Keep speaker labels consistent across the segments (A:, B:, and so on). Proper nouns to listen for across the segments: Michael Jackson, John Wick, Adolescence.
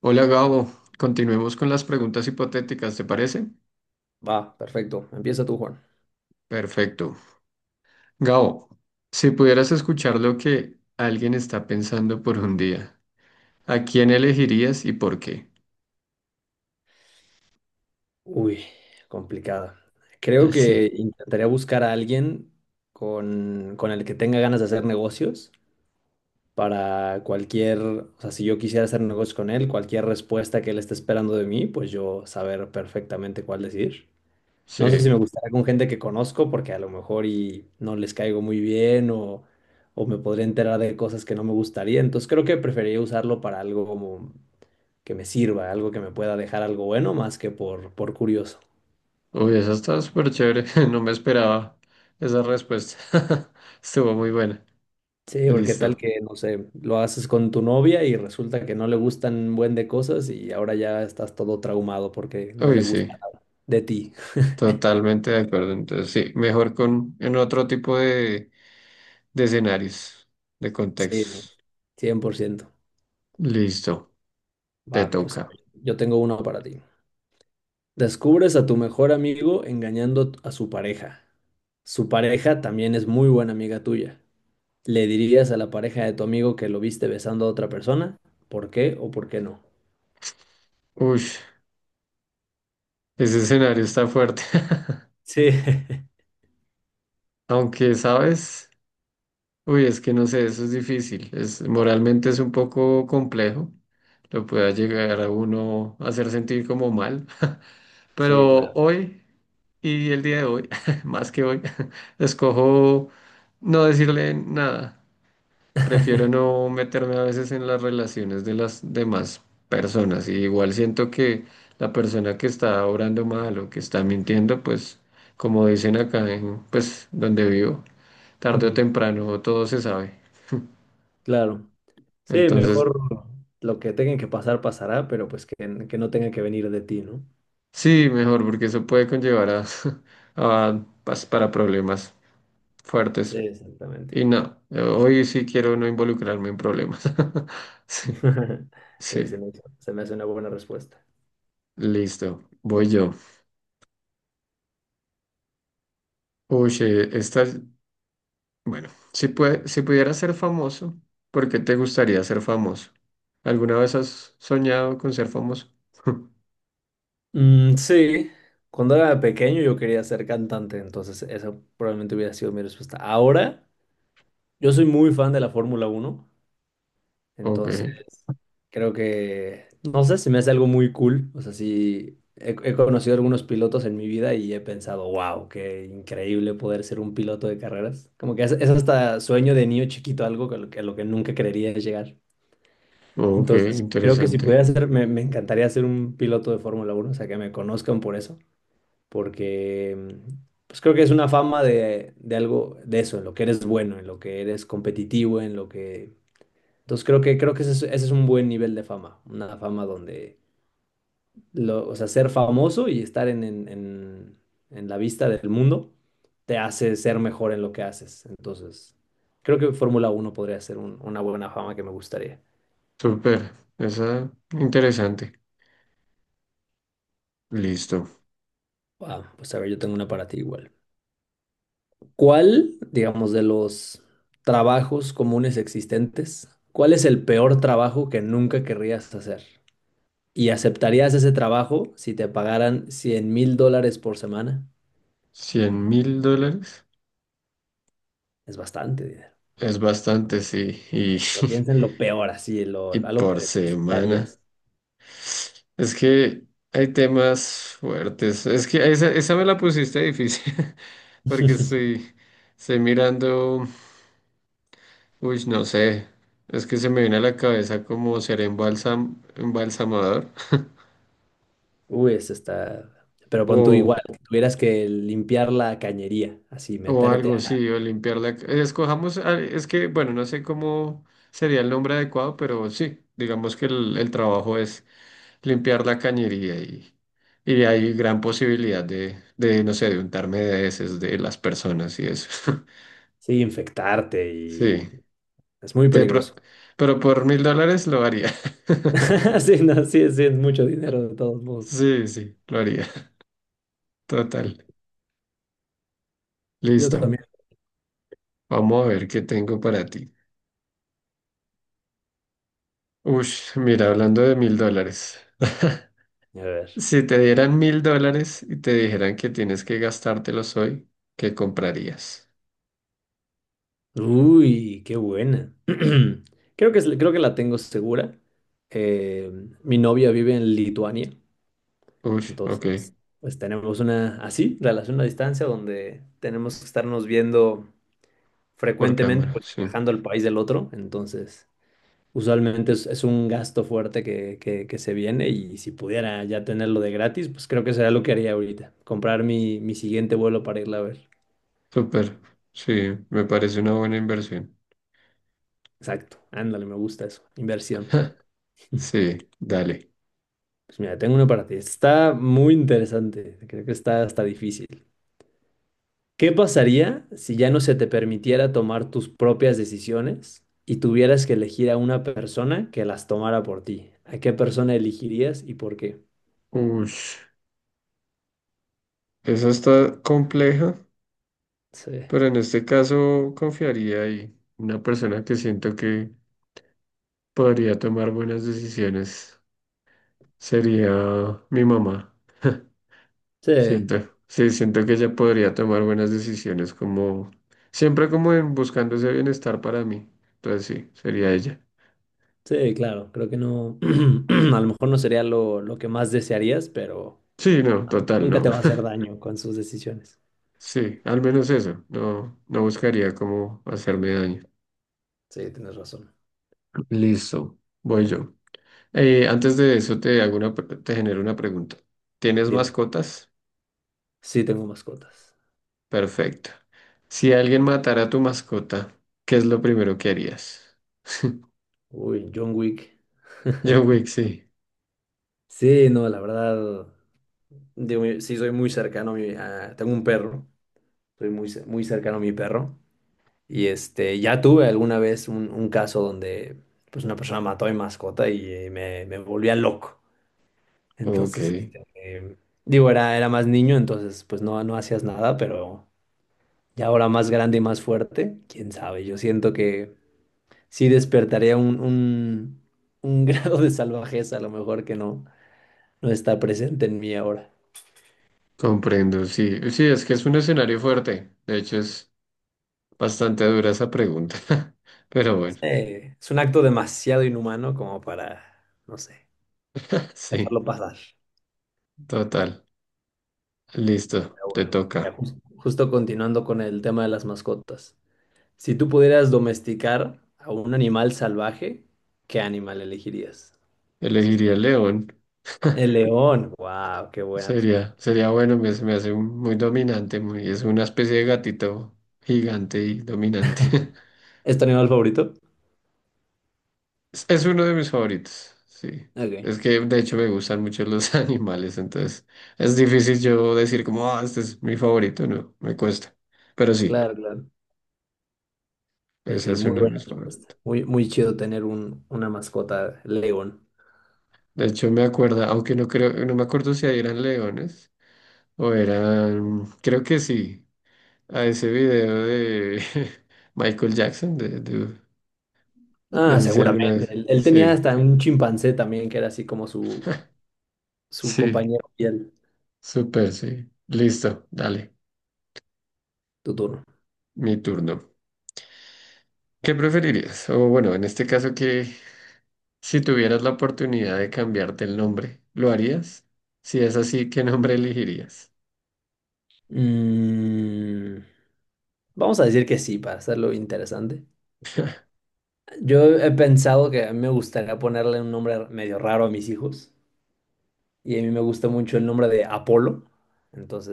A: Hola Gabo, continuemos con las preguntas hipotéticas, ¿te parece?
B: Va, perfecto. Empieza tú, Juan.
A: Perfecto. Gabo, si pudieras escuchar lo que alguien está pensando por un día, ¿a quién elegirías y por qué?
B: Uy, complicada. Creo que
A: Sí,
B: intentaría buscar a alguien con el que tenga ganas de hacer negocios para cualquier, o sea, si yo quisiera hacer negocios con él, cualquier respuesta que él esté esperando de mí, pues yo saber perfectamente cuál decir. No sé
A: sí.
B: si me gustaría con gente que conozco, porque a lo mejor y no les caigo muy bien o me podría enterar de cosas que no me gustaría. Entonces creo que preferiría usarlo para algo como que me sirva, algo que me pueda dejar algo bueno más que por curioso.
A: Uy, esa está súper chévere, no me esperaba esa respuesta. Estuvo muy buena.
B: Sí, porque tal
A: Listo.
B: que, no sé, lo haces con tu novia y resulta que no le gustan buen de cosas y ahora ya estás todo traumado porque no le
A: Uy,
B: gusta
A: sí,
B: nada de ti.
A: totalmente de acuerdo. Entonces, sí, mejor con en otro tipo de escenarios, de
B: Sí, no,
A: contextos.
B: 100%.
A: Listo, te
B: Va, pues
A: toca.
B: yo tengo uno para ti. Descubres a tu mejor amigo engañando a su pareja. Su pareja también es muy buena amiga tuya. ¿Le dirías a la pareja de tu amigo que lo viste besando a otra persona? ¿Por qué o por qué no?
A: Uy. Ese escenario está fuerte.
B: Sí.
A: Aunque, ¿sabes? Uy, es que no sé, eso es difícil. Es, moralmente es un poco complejo. Lo pueda llegar a uno a hacer sentir como mal.
B: Sí,
A: Pero
B: claro.
A: hoy y el día de hoy, más que hoy, escojo no decirle nada. Prefiero no meterme a veces en las relaciones de las demás personas. Y igual siento que la persona que está obrando mal o que está mintiendo, pues como dicen pues donde vivo, tarde o
B: Ujú,
A: temprano todo se sabe.
B: claro. Sí,
A: Entonces,
B: mejor lo que tengan que pasar, pasará, pero pues que no tenga que venir de ti, ¿no?
A: sí, mejor porque eso puede conllevar para problemas
B: Sí,
A: fuertes.
B: exactamente.
A: Y no, hoy sí quiero no involucrarme en problemas. Sí,
B: Sí,
A: sí,
B: se me hace una buena respuesta.
A: listo, voy yo. Uy, si pudieras ser famoso, ¿por qué te gustaría ser famoso? ¿Alguna vez has soñado con ser famoso?
B: Mm, sí, cuando era pequeño yo quería ser cantante, entonces esa probablemente hubiera sido mi respuesta. Ahora, yo soy muy fan de la Fórmula Uno.
A: Ok,
B: Entonces, creo que, no sé, se me hace algo muy cool. O sea, sí, he conocido algunos pilotos en mi vida y he pensado, wow, qué increíble poder ser un piloto de carreras. Como que es hasta sueño de niño chiquito, algo que, a lo que nunca creería llegar.
A: ok,
B: Entonces, creo que si
A: interesante.
B: pudiera ser, me encantaría ser un piloto de Fórmula uno, o sea, que me conozcan por eso, porque pues creo que es una fama de algo de eso, en lo que eres bueno, en lo que eres competitivo, en lo que entonces creo que, ese es, un buen nivel de fama, una fama donde, lo, o sea, ser famoso y estar en la vista del mundo te hace ser mejor en lo que haces. Entonces, creo que Fórmula uno podría ser una buena fama que me gustaría.
A: Súper, esa interesante. Listo.
B: Ah, pues a ver, yo tengo una para ti igual. ¿Cuál, digamos, de los trabajos comunes existentes, cuál es el peor trabajo que nunca querrías hacer? ¿Y aceptarías ese trabajo si te pagaran $100,000 por semana?
A: $100,000
B: Es bastante dinero.
A: es bastante, sí. Y,
B: Pero piensa en lo peor, así, lo,
A: y
B: algo que
A: por semana.
B: detestarías.
A: Es que hay temas fuertes. Es que esa me la pusiste difícil porque estoy mirando. Uy, no sé. Es que se me viene a la cabeza como ser embalsamador
B: Uy, eso está. Pero pon tú
A: o,
B: igual, que tuvieras que limpiar la cañería, así, meterte a.
A: sí, o limpiar la... Escojamos, ah, es que, bueno, no sé cómo sería el nombre adecuado, pero sí, digamos que el trabajo es limpiar la cañería y hay gran posibilidad de no sé, de untarme de heces de las personas y eso.
B: Sí, infectarte y.
A: Sí,
B: Es muy
A: Te pro-
B: peligroso.
A: pero por $1,000 lo haría.
B: Sí, no, sí, sí, es mucho dinero de todos modos.
A: Sí, lo haría. Total.
B: Yo
A: Listo.
B: también.
A: Vamos a ver qué tengo para ti. Ush, mira, hablando de $1,000.
B: A ver.
A: Si te dieran $1,000 y te dijeran que tienes que gastártelos hoy, ¿qué comprarías?
B: Uy, qué buena. Creo que, creo que la tengo segura. Eh, mi novia vive en Lituania.
A: Ush, ok,
B: Entonces, pues tenemos una así, relación a distancia, donde tenemos que estarnos viendo
A: por
B: frecuentemente,
A: cámara,
B: pues
A: sí.
B: viajando al país del otro. Entonces, usualmente es un gasto fuerte que se viene y si pudiera ya tenerlo de gratis, pues creo que sería lo que haría ahorita, comprar mi siguiente vuelo para irla a ver.
A: Súper, sí, me parece una buena inversión.
B: Exacto, ándale, me gusta eso, inversión.
A: Sí, dale.
B: Pues mira, tengo una para ti. Está muy interesante, creo que está hasta difícil. ¿Qué pasaría si ya no se te permitiera tomar tus propias decisiones y tuvieras que elegir a una persona que las tomara por ti? ¿A qué persona elegirías y por qué?
A: Ush, esa está compleja,
B: Sí,
A: pero en este caso confiaría ahí. Una persona que siento que podría tomar buenas decisiones sería mi mamá.
B: sí,
A: Sí, siento que ella podría tomar buenas decisiones como, siempre como en buscando ese bienestar para mí. Entonces sí, sería ella.
B: sí, claro. Creo que no, a lo mejor no sería lo que más desearías, pero
A: Sí, no,
B: ah,
A: total,
B: nunca
A: no.
B: te va a hacer daño con sus decisiones.
A: Sí, al menos eso. No buscaría cómo hacerme daño.
B: Sí, tienes razón.
A: Listo, voy yo. Antes de eso te hago te genero una pregunta. ¿Tienes
B: Dime.
A: mascotas?
B: Sí, tengo mascotas.
A: Perfecto. Si alguien matara a tu mascota, ¿qué es lo primero que harías?
B: Uy, John Wick.
A: John Wick, sí.
B: Sí, no, la verdad, digo, sí soy muy cercano a mi, tengo un perro. Soy muy, muy cercano a mi perro. Y este, ya tuve alguna vez un caso donde pues una persona mató a mi mascota y me volvía loco.
A: Ok.
B: Entonces, este, digo, era más niño, entonces pues no, no hacías nada, pero ya ahora más grande y más fuerte, quién sabe, yo siento que sí despertaría un grado de salvajeza a lo mejor que no, no está presente en mí ahora.
A: Comprendo, sí, sí, es que es un escenario fuerte. De hecho, es bastante dura esa pregunta. Pero bueno,
B: Sí, es un acto demasiado inhumano como para, no sé,
A: sí,
B: dejarlo pasar.
A: total. Listo,
B: Pero
A: te
B: bueno, ya
A: toca.
B: justo continuando con el tema de las mascotas. Si tú pudieras domesticar a un animal salvaje, ¿qué animal elegirías?
A: Elegiría el león.
B: El león. Wow, qué buena respuesta.
A: Sería bueno, me, se me hace muy dominante, muy, es una especie de gatito gigante y dominante.
B: ¿Es tu animal favorito?
A: Es uno de mis favoritos, sí.
B: Ok,
A: Es que de hecho me gustan mucho los animales, entonces es difícil yo decir como, ah, este es mi favorito, no, me cuesta. Pero sí,
B: claro, claro. Pero
A: ese
B: sí,
A: es
B: muy
A: uno de
B: buena
A: mis
B: respuesta.
A: favoritos.
B: Muy, muy chido tener un, una mascota león.
A: De hecho, me acuerdo, aunque no creo, no me acuerdo si ahí eran leones o eran, creo que sí, a ese video de Michael Jackson, no
B: Ah,
A: sé si alguna
B: seguramente.
A: vez.
B: Él
A: Sí,
B: tenía hasta un chimpancé también, que era así como su
A: sí,
B: compañero fiel.
A: súper, sí. Listo, dale,
B: Tu turno.
A: mi turno. ¿Qué preferirías? O bueno, en este caso que si tuvieras la oportunidad de cambiarte el nombre, ¿lo harías? Si es así, ¿qué nombre elegirías?
B: Mm, vamos a decir que sí, para hacerlo interesante. Yo he pensado que a mí me gustaría ponerle un nombre medio raro a mis hijos y a mí me gusta mucho el nombre de Apolo.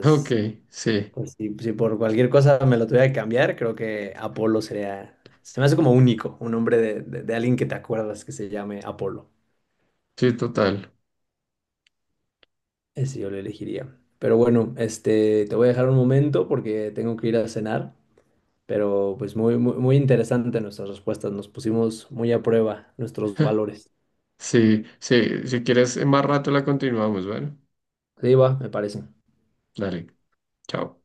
A: Ok, sí,
B: pues si, si por cualquier cosa me lo tuviera que cambiar, creo que Apolo sería, se me hace como único, un nombre de, de alguien que te acuerdas que se llame Apolo.
A: sí, total.
B: Ese yo lo elegiría. Pero bueno, este, te voy a dejar un momento porque tengo que ir a cenar, pero pues muy, muy, muy interesante nuestras respuestas, nos pusimos muy a prueba nuestros valores.
A: Sí, si quieres, en más rato la continuamos, ¿vale?
B: Sí, va, me parece.
A: Dale, chao.